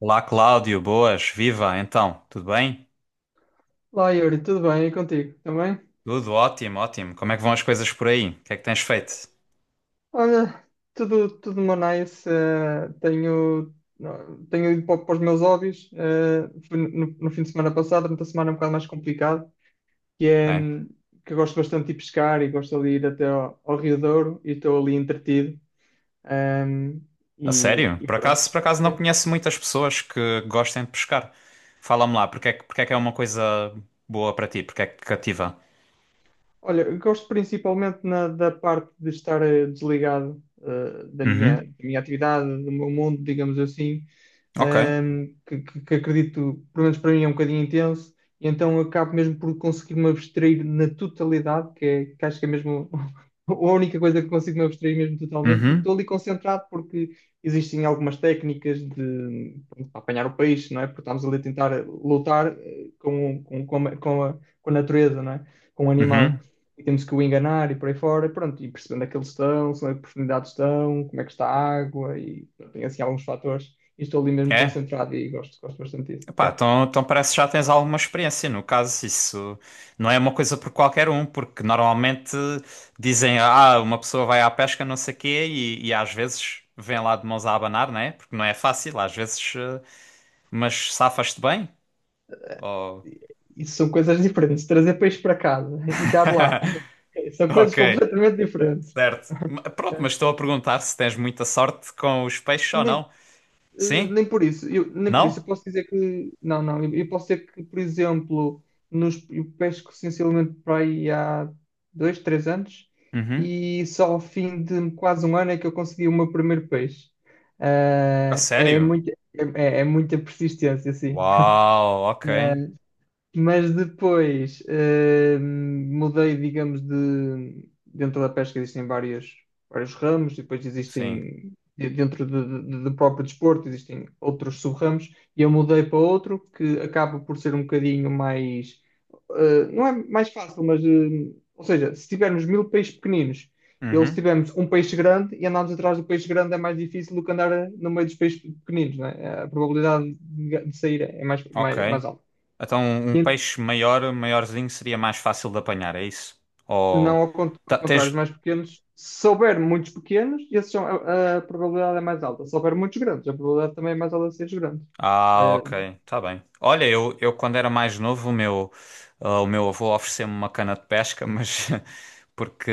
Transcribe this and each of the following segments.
Olá, Cláudio, boas, viva, então, tudo bem? Olá Yuri, tudo bem? E contigo também? Tudo ótimo, ótimo. Como é que vão as coisas por aí? O que é que tens feito? Olha, tudo uma nice. Não, tenho ido para os meus hobbies. Fui no fim de semana passado, durante a semana é um bocado mais complicado, que é Bem, que eu gosto bastante de ir pescar e gosto de ir até ao Rio Douro e estou ali entretido. hum, a e, sério, e pronto. Por acaso não Sim. conheço muitas pessoas que gostem de pescar. Fala-me lá, porque é que é uma coisa boa para ti? Porque é que te cativa? Olha, eu gosto principalmente da parte de estar desligado, da minha, Uhum, da minha atividade, do meu mundo, digamos assim, ok. que acredito, pelo menos para mim, é um bocadinho intenso, e então acabo mesmo por conseguir me abstrair na totalidade, que acho que é mesmo a única coisa que consigo me abstrair mesmo totalmente, porque estou Uhum, ali concentrado, porque existem algumas técnicas, de pronto, para apanhar o peixe, não é? Porque estamos ali a tentar lutar eh, com, a, com a- com a natureza, não é? Com o animal. uhum. E temos que o enganar e por aí fora, e pronto, e percebendo onde é que eles estão, se onde é que profundidades estão, como é que está a água, e pronto, tem assim alguns fatores e estou ali mesmo É? concentrado e gosto bastante disso. Epá, Yeah. então parece que já tens alguma experiência. No caso, isso não é uma coisa por qualquer um, porque normalmente dizem, uma pessoa vai à pesca, não sei quê, e às vezes vem lá de mãos a abanar, né? Porque não é fácil, às vezes, mas safas-te bem? Ou- Isso são coisas diferentes. Trazer peixe para casa e dar lá são coisas Ok, completamente diferentes. certo. Pronto, mas estou a perguntar se tens muita sorte com os peixes ou Nem, não. eh, Sim? nem por isso, nem por isso, Não? eu posso dizer que não, não, eu posso dizer que, por exemplo, eu pesco essencialmente para aí há 2, 3 anos, Uhum. e só ao fim de quase um ano é que eu consegui o meu primeiro peixe. A Ah, é, sério? muito, é, é é muita persistência, assim. Uau, ok. Mas depois mudei, digamos, de dentro da pesca existem vários ramos, e depois Sim. existem dentro do próprio desporto, existem outros sub-ramos, e eu mudei para outro que acaba por ser um bocadinho mais, não é mais fácil, mas, ou seja, se tivermos 1.000 peixes pequeninos, ou se Uhum. tivermos um peixe grande e andarmos atrás do peixe grande, é mais difícil do que andar no meio dos peixes pequeninos, não é? A probabilidade de sair é mais, Ok. mais, mais alta. Então, um peixe maior, maiorzinho, seria mais fácil de apanhar, é isso? Não. Ou Ao ta- contrário, os tens, mais pequenos, se houver muitos pequenos, esses são, a probabilidade é mais alta. Se houver muitos grandes, a probabilidade também é mais alta de seres grandes. Ah, Eh, ok, tá bem. Olha, eu quando era mais novo, o meu avô ofereceu-me uma cana de pesca, mas porque,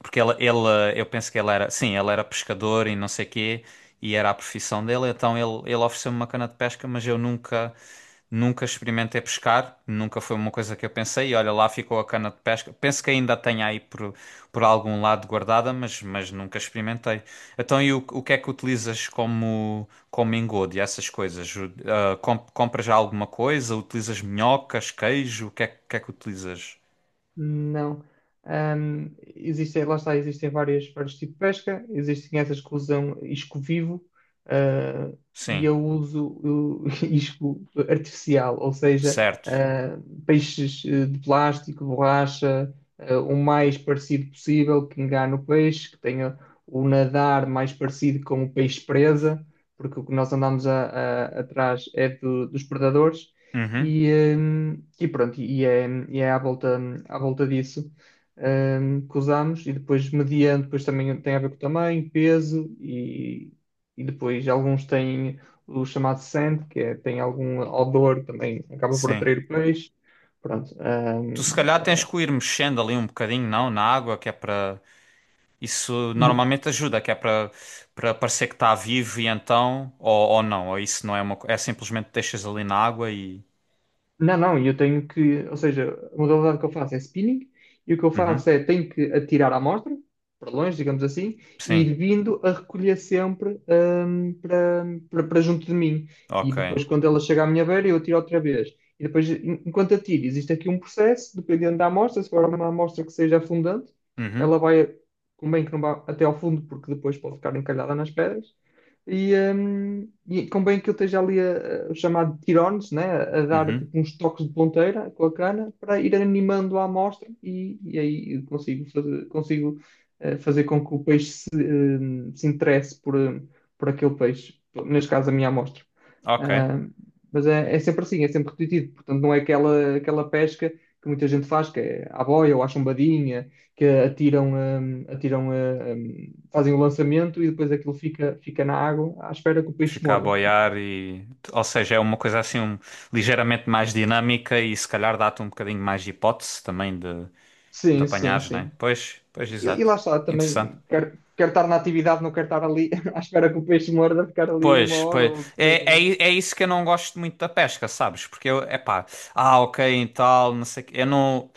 porque eu penso que ele era, sim, ele era pescador e não sei quê, e era a profissão dele, então ele ofereceu-me uma cana de pesca, mas eu nunca, nunca experimentei pescar, nunca foi uma coisa que eu pensei, e olha, lá ficou a cana de pesca. Penso que ainda tenho aí por algum lado guardada, mas nunca experimentei. Então, e o que é que utilizas como engodo e essas coisas? Compras já alguma coisa? Utilizas minhocas, queijo? O que é que utilizas? Não. Ahm, Existem, lá está, existem vários tipos de pesca, existem essas que usam isco vivo. ah, e Sim, eu uso o isco artificial, ou seja, certo. ah, peixes, de plástico, borracha, o mais parecido possível, que engane o peixe, que tenha o nadar mais parecido com o peixe presa, porque o que nós andamos atrás é dos predadores. Uhum, E, e pronto, e é à volta disso, que usamos, e depois mediante, depois também tem a ver com tamanho, peso, e depois alguns têm o chamado scent, que é, tem algum odor, também acaba por sim. atrair peixe, pronto, Tu se calhar tens que o ir mexendo ali um bocadinho, não? Na água, que é para. Isso hum, normalmente ajuda, que é para parecer que está vivo e então. Ou não, ou isso não é uma é simplesmente deixas ali na água e. Não, não, eu tenho que, ou seja, a modalidade que eu faço é spinning, e o que eu faço Uhum, é tenho que atirar a amostra para longe, digamos assim, e sim, ir vindo a recolher sempre hum, para, para junto de mim. E ok. depois, quando ela chega à minha beira, eu atiro outra vez. E depois, enquanto atiro, existe aqui um processo, dependendo da amostra, se for uma amostra que seja afundante, ela Uhum, vai, convém que não vá até ao fundo, porque depois pode ficar encalhada nas pedras. E convém que eu esteja ali o chamado tirones, né? A dar uhum, tipo uns toques de ponteira com a cana para ir animando a amostra, e aí eu consigo fazer, consigo, fazer com que o peixe se, se interesse por aquele peixe, neste caso a minha amostra. ok. Ah, mas é sempre assim, é sempre repetitivo, portanto não é aquela pesca que muita gente faz, que é à boia ou à chumbadinha, que atiram, fazem o lançamento, e depois aquilo fica na água à espera que o peixe Fica a morda. Não. boiar e, ou seja, é uma coisa assim ligeiramente mais dinâmica e se calhar dá-te um bocadinho mais de hipótese também de Sim, sim, apanhares, né? sim. Pois, pois, E exato. lá está, Interessante. também quero estar na atividade, não quero estar ali à espera que o peixe morda, ficar ali uma Pois, hora pois. ou o que seja, não É isso que eu não gosto muito da pesca, sabes? Porque eu, é pá, ok, e tal, não sei o quê. Eu não.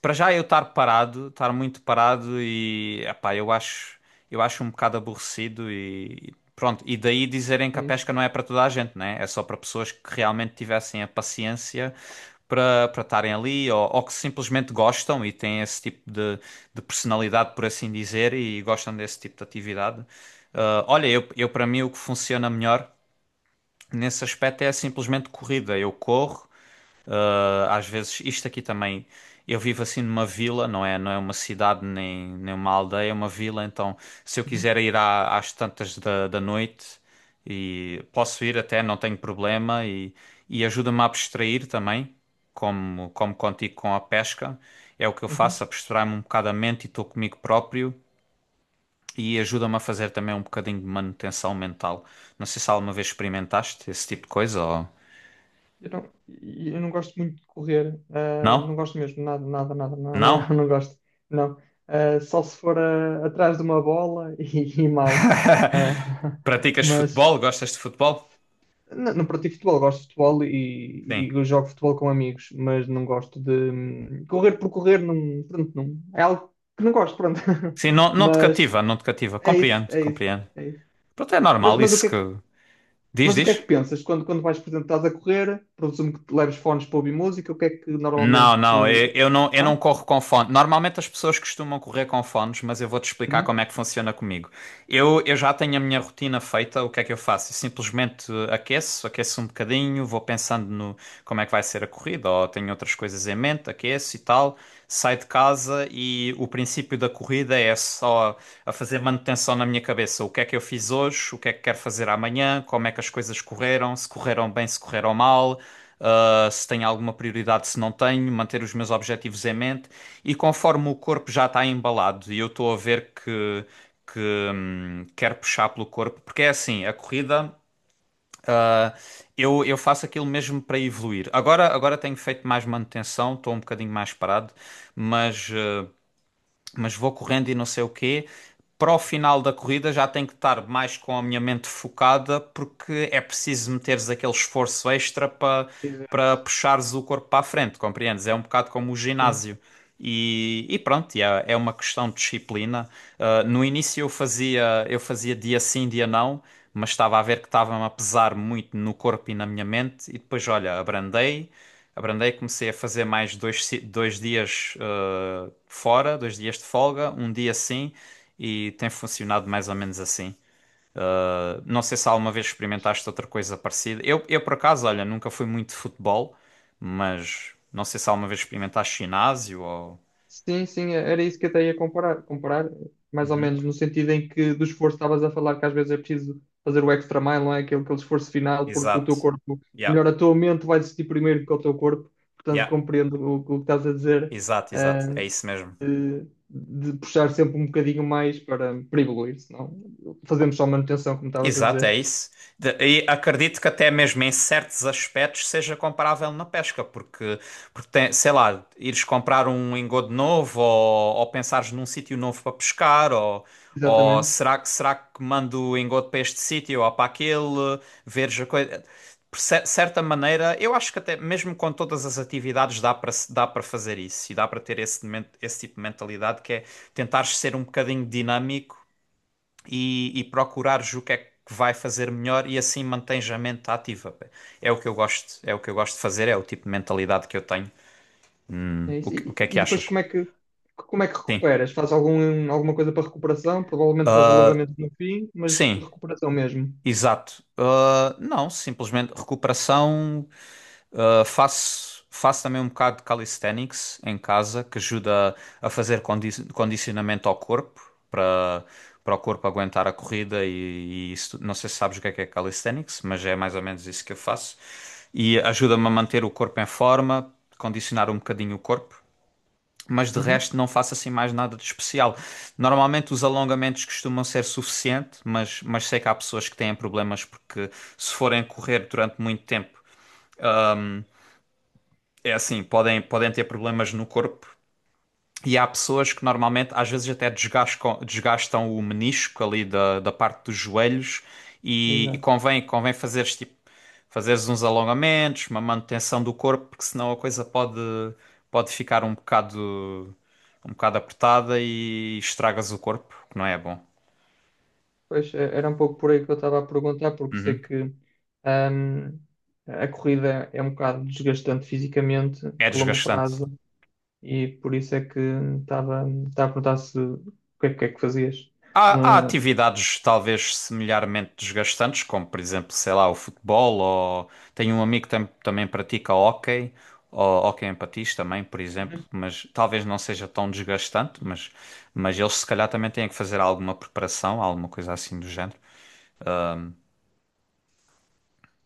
Para já eu estar parado, estar muito parado e, é pá, eu acho um bocado aborrecido e pronto. E daí dizerem é? que a É isso. pesca não é para toda a gente, né? É só para pessoas que realmente tivessem a paciência para estarem ali ou que simplesmente gostam e têm esse tipo de personalidade, por assim dizer, e gostam desse tipo de atividade. Ah, olha, eu para mim o que funciona melhor nesse aspecto é simplesmente corrida. Eu corro, às vezes isto aqui também. Eu vivo assim numa vila, não é? Não é uma cidade nem uma aldeia, é uma vila. Então, se eu Uhum, quiser ir às tantas da noite e posso ir até, não tenho problema e ajuda-me a abstrair também, como contigo com a pesca. É o que eu faço, uhum. abstrair-me um bocado a mente e estou comigo próprio. E ajuda-me a fazer também um bocadinho de manutenção mental. Não sei se alguma vez experimentaste esse tipo de coisa ou. Eu não. E eu não gosto muito de correr, Não? não gosto mesmo, nada, nada, nada, não, não, Não? não gosto, não. Ah, só se for atrás de uma bola e mal. Ah, Praticas mas. futebol? Gostas de futebol? Não, não pratico futebol, gosto de futebol e, Sim. Jogo futebol com amigos, mas não gosto de correr por correr, não, pronto, não, é algo que não gosto, pronto. Sim, não, não te Mas cativa, não te cativa. é isso, Compreendo, é isso, compreendo. é isso. Pronto, é Mas, normal mas isso que. Diz, o que é que diz? pensas quando, vais, por exemplo, estás a correr? Presumo que te leves fones para ouvir música. O que é que Não, normalmente? não, eu não Não? corro com fones. Normalmente as pessoas costumam correr com fones, mas eu vou-te explicar Uhum. como é que funciona comigo. Eu já tenho a minha rotina feita, o que é que eu faço? Eu simplesmente aqueço um bocadinho, vou pensando no como é que vai ser a corrida, ou tenho outras coisas em mente, aqueço e tal, saio de casa e o princípio da corrida é só a fazer manutenção na minha cabeça. O que é que eu fiz hoje, o que é que quero fazer amanhã, como é que as coisas correram, se correram bem, se correram mal. Se tenho alguma prioridade, se não tenho, manter os meus objetivos em mente. E conforme o corpo já está embalado e eu estou a ver que quer puxar pelo corpo, porque é assim, a corrida, ah, eu faço aquilo mesmo para evoluir. Agora tenho feito mais manutenção, estou um bocadinho mais parado, mas. hum, mas vou correndo e não sei o quê. Para o final da corrida já tenho que estar mais com a minha mente focada, porque é preciso meteres aquele esforço extra para Exato, puxares o corpo para a frente, compreendes? É um bocado como o sim. ginásio. E pronto, e é uma questão de disciplina. Ah, no início eu fazia dia sim, dia não, mas estava a ver que estava-me a pesar muito no corpo e na minha mente, e depois, olha, abrandei. Abrandei, comecei a fazer mais dois dias fora, dois dias de folga, um dia sim, e tem funcionado mais ou menos assim. Não sei se alguma vez experimentaste outra coisa parecida. Eu por acaso, olha, nunca fui muito de futebol, mas não sei se alguma vez experimentaste ginásio ou. Sim, sim, era isso que eu até ia comparar, mais ou Uhum. menos no sentido em que do esforço estavas a falar, que às vezes é preciso fazer o extra mile, não é? Aquele esforço final, porque o teu Exato. corpo, ou Yeah, melhor, a tua mente vai desistir primeiro que o teu corpo, portanto yeah, compreendo o que estás a dizer, exato, exato. ah, É isso mesmo. de, de puxar sempre um bocadinho mais para evoluir, senão fazemos só manutenção, como estavas a Exato, é dizer. isso. E acredito que até mesmo em certos aspectos seja comparável na pesca, porque tem, sei lá, ires comprar um engodo novo ou pensares num sítio novo para pescar, ou Exatamente. será que mando o engodo para este sítio ou para aquele, veres a coisa. Por certa maneira, eu acho que até mesmo com todas as atividades dá para se- dá para fazer isso e dá para ter esse tipo de mentalidade que é tentar ser um bocadinho dinâmico e procurares o que é que vai fazer melhor e assim mantens a mente ativa. Pá. É o que eu gosto, é o que eu gosto de fazer, é o tipo de mentalidade que eu tenho. É o isso. que, o E, que é que e depois, achas? Como é que Sim. recuperas? Faz alguma coisa para recuperação? Provavelmente faz Ah, alongamento no fim, mas para sim, recuperação mesmo. exato. Ah, não, simplesmente recuperação. Faço também um bocado de calisthenics em casa, que ajuda a fazer condicionamento ao corpo, para, para o corpo aguentar a corrida e isso. Não sei se sabes o que é calisthenics, mas é mais ou menos isso que eu faço. E ajuda-me a manter o corpo em forma, condicionar um bocadinho o corpo. Mas de Uhum, resto não faço assim mais nada de especial. Normalmente os alongamentos costumam ser suficiente, mas sei que há pessoas que têm problemas porque se forem correr durante muito tempo é assim, podem ter problemas no corpo e há pessoas que normalmente, às vezes até desgastam o menisco ali da parte dos joelhos e exato. convém fazeres uns alongamentos, uma manutenção do corpo, porque senão a coisa pode ficar um bocado apertada e estragas o corpo, que não é bom. Pois é, era um pouco por aí que eu estava a perguntar, porque sei Uhum. que, ahm, a corrida é um bocado desgastante fisicamente É a longo desgastante. prazo, e por isso é que estava a perguntar se, o que é que fazias. Há No- atividades talvez semelhantemente desgastantes, como por exemplo, sei lá, o futebol, ou tenho um amigo que também pratica hóquei, ou hóquei em patins também, por exemplo, mas talvez não seja tão desgastante, mas eles se calhar também têm que fazer alguma preparação, alguma coisa assim do género.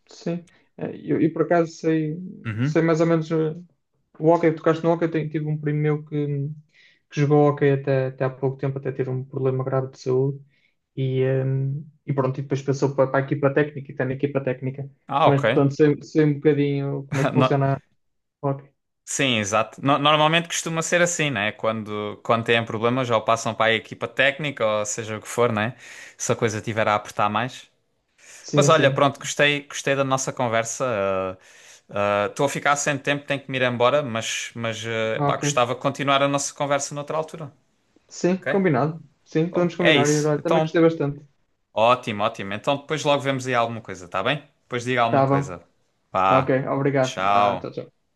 Sim. Eu por acaso sei, Uhum. mais ou menos, o hóquei. Tocaste no hóquei. Eu tive um primo meu que jogou hóquei até há pouco tempo, até ter um problema grave de saúde. E, eh, e pronto, e depois passou para a equipa técnica e está na equipa técnica, Ah, mas ok. portanto sei, um bocadinho como é que No- funciona o hóquei. Sim, exato. Normalmente costuma ser assim, né? Quando têm problemas, ou passam para a equipa técnica, ou seja o que for, né? Se a coisa tiver a apertar mais. Mas Sim, olha, sim, pronto, gostei da nossa conversa. Estou a ficar sem tempo, tenho que me ir embora, mas pá, ok. gostava de continuar a nossa conversa noutra altura. Sim, Ok? combinado. Sim, Bom, podemos é combinar, e isso. olha, também Então, gostei bastante. ótimo, ótimo. Então depois logo vemos aí alguma coisa, tá bem? Depois diga alguma Tá bom. coisa. Ok, Pá, obrigado. Ah, tchau, tchau. tchau.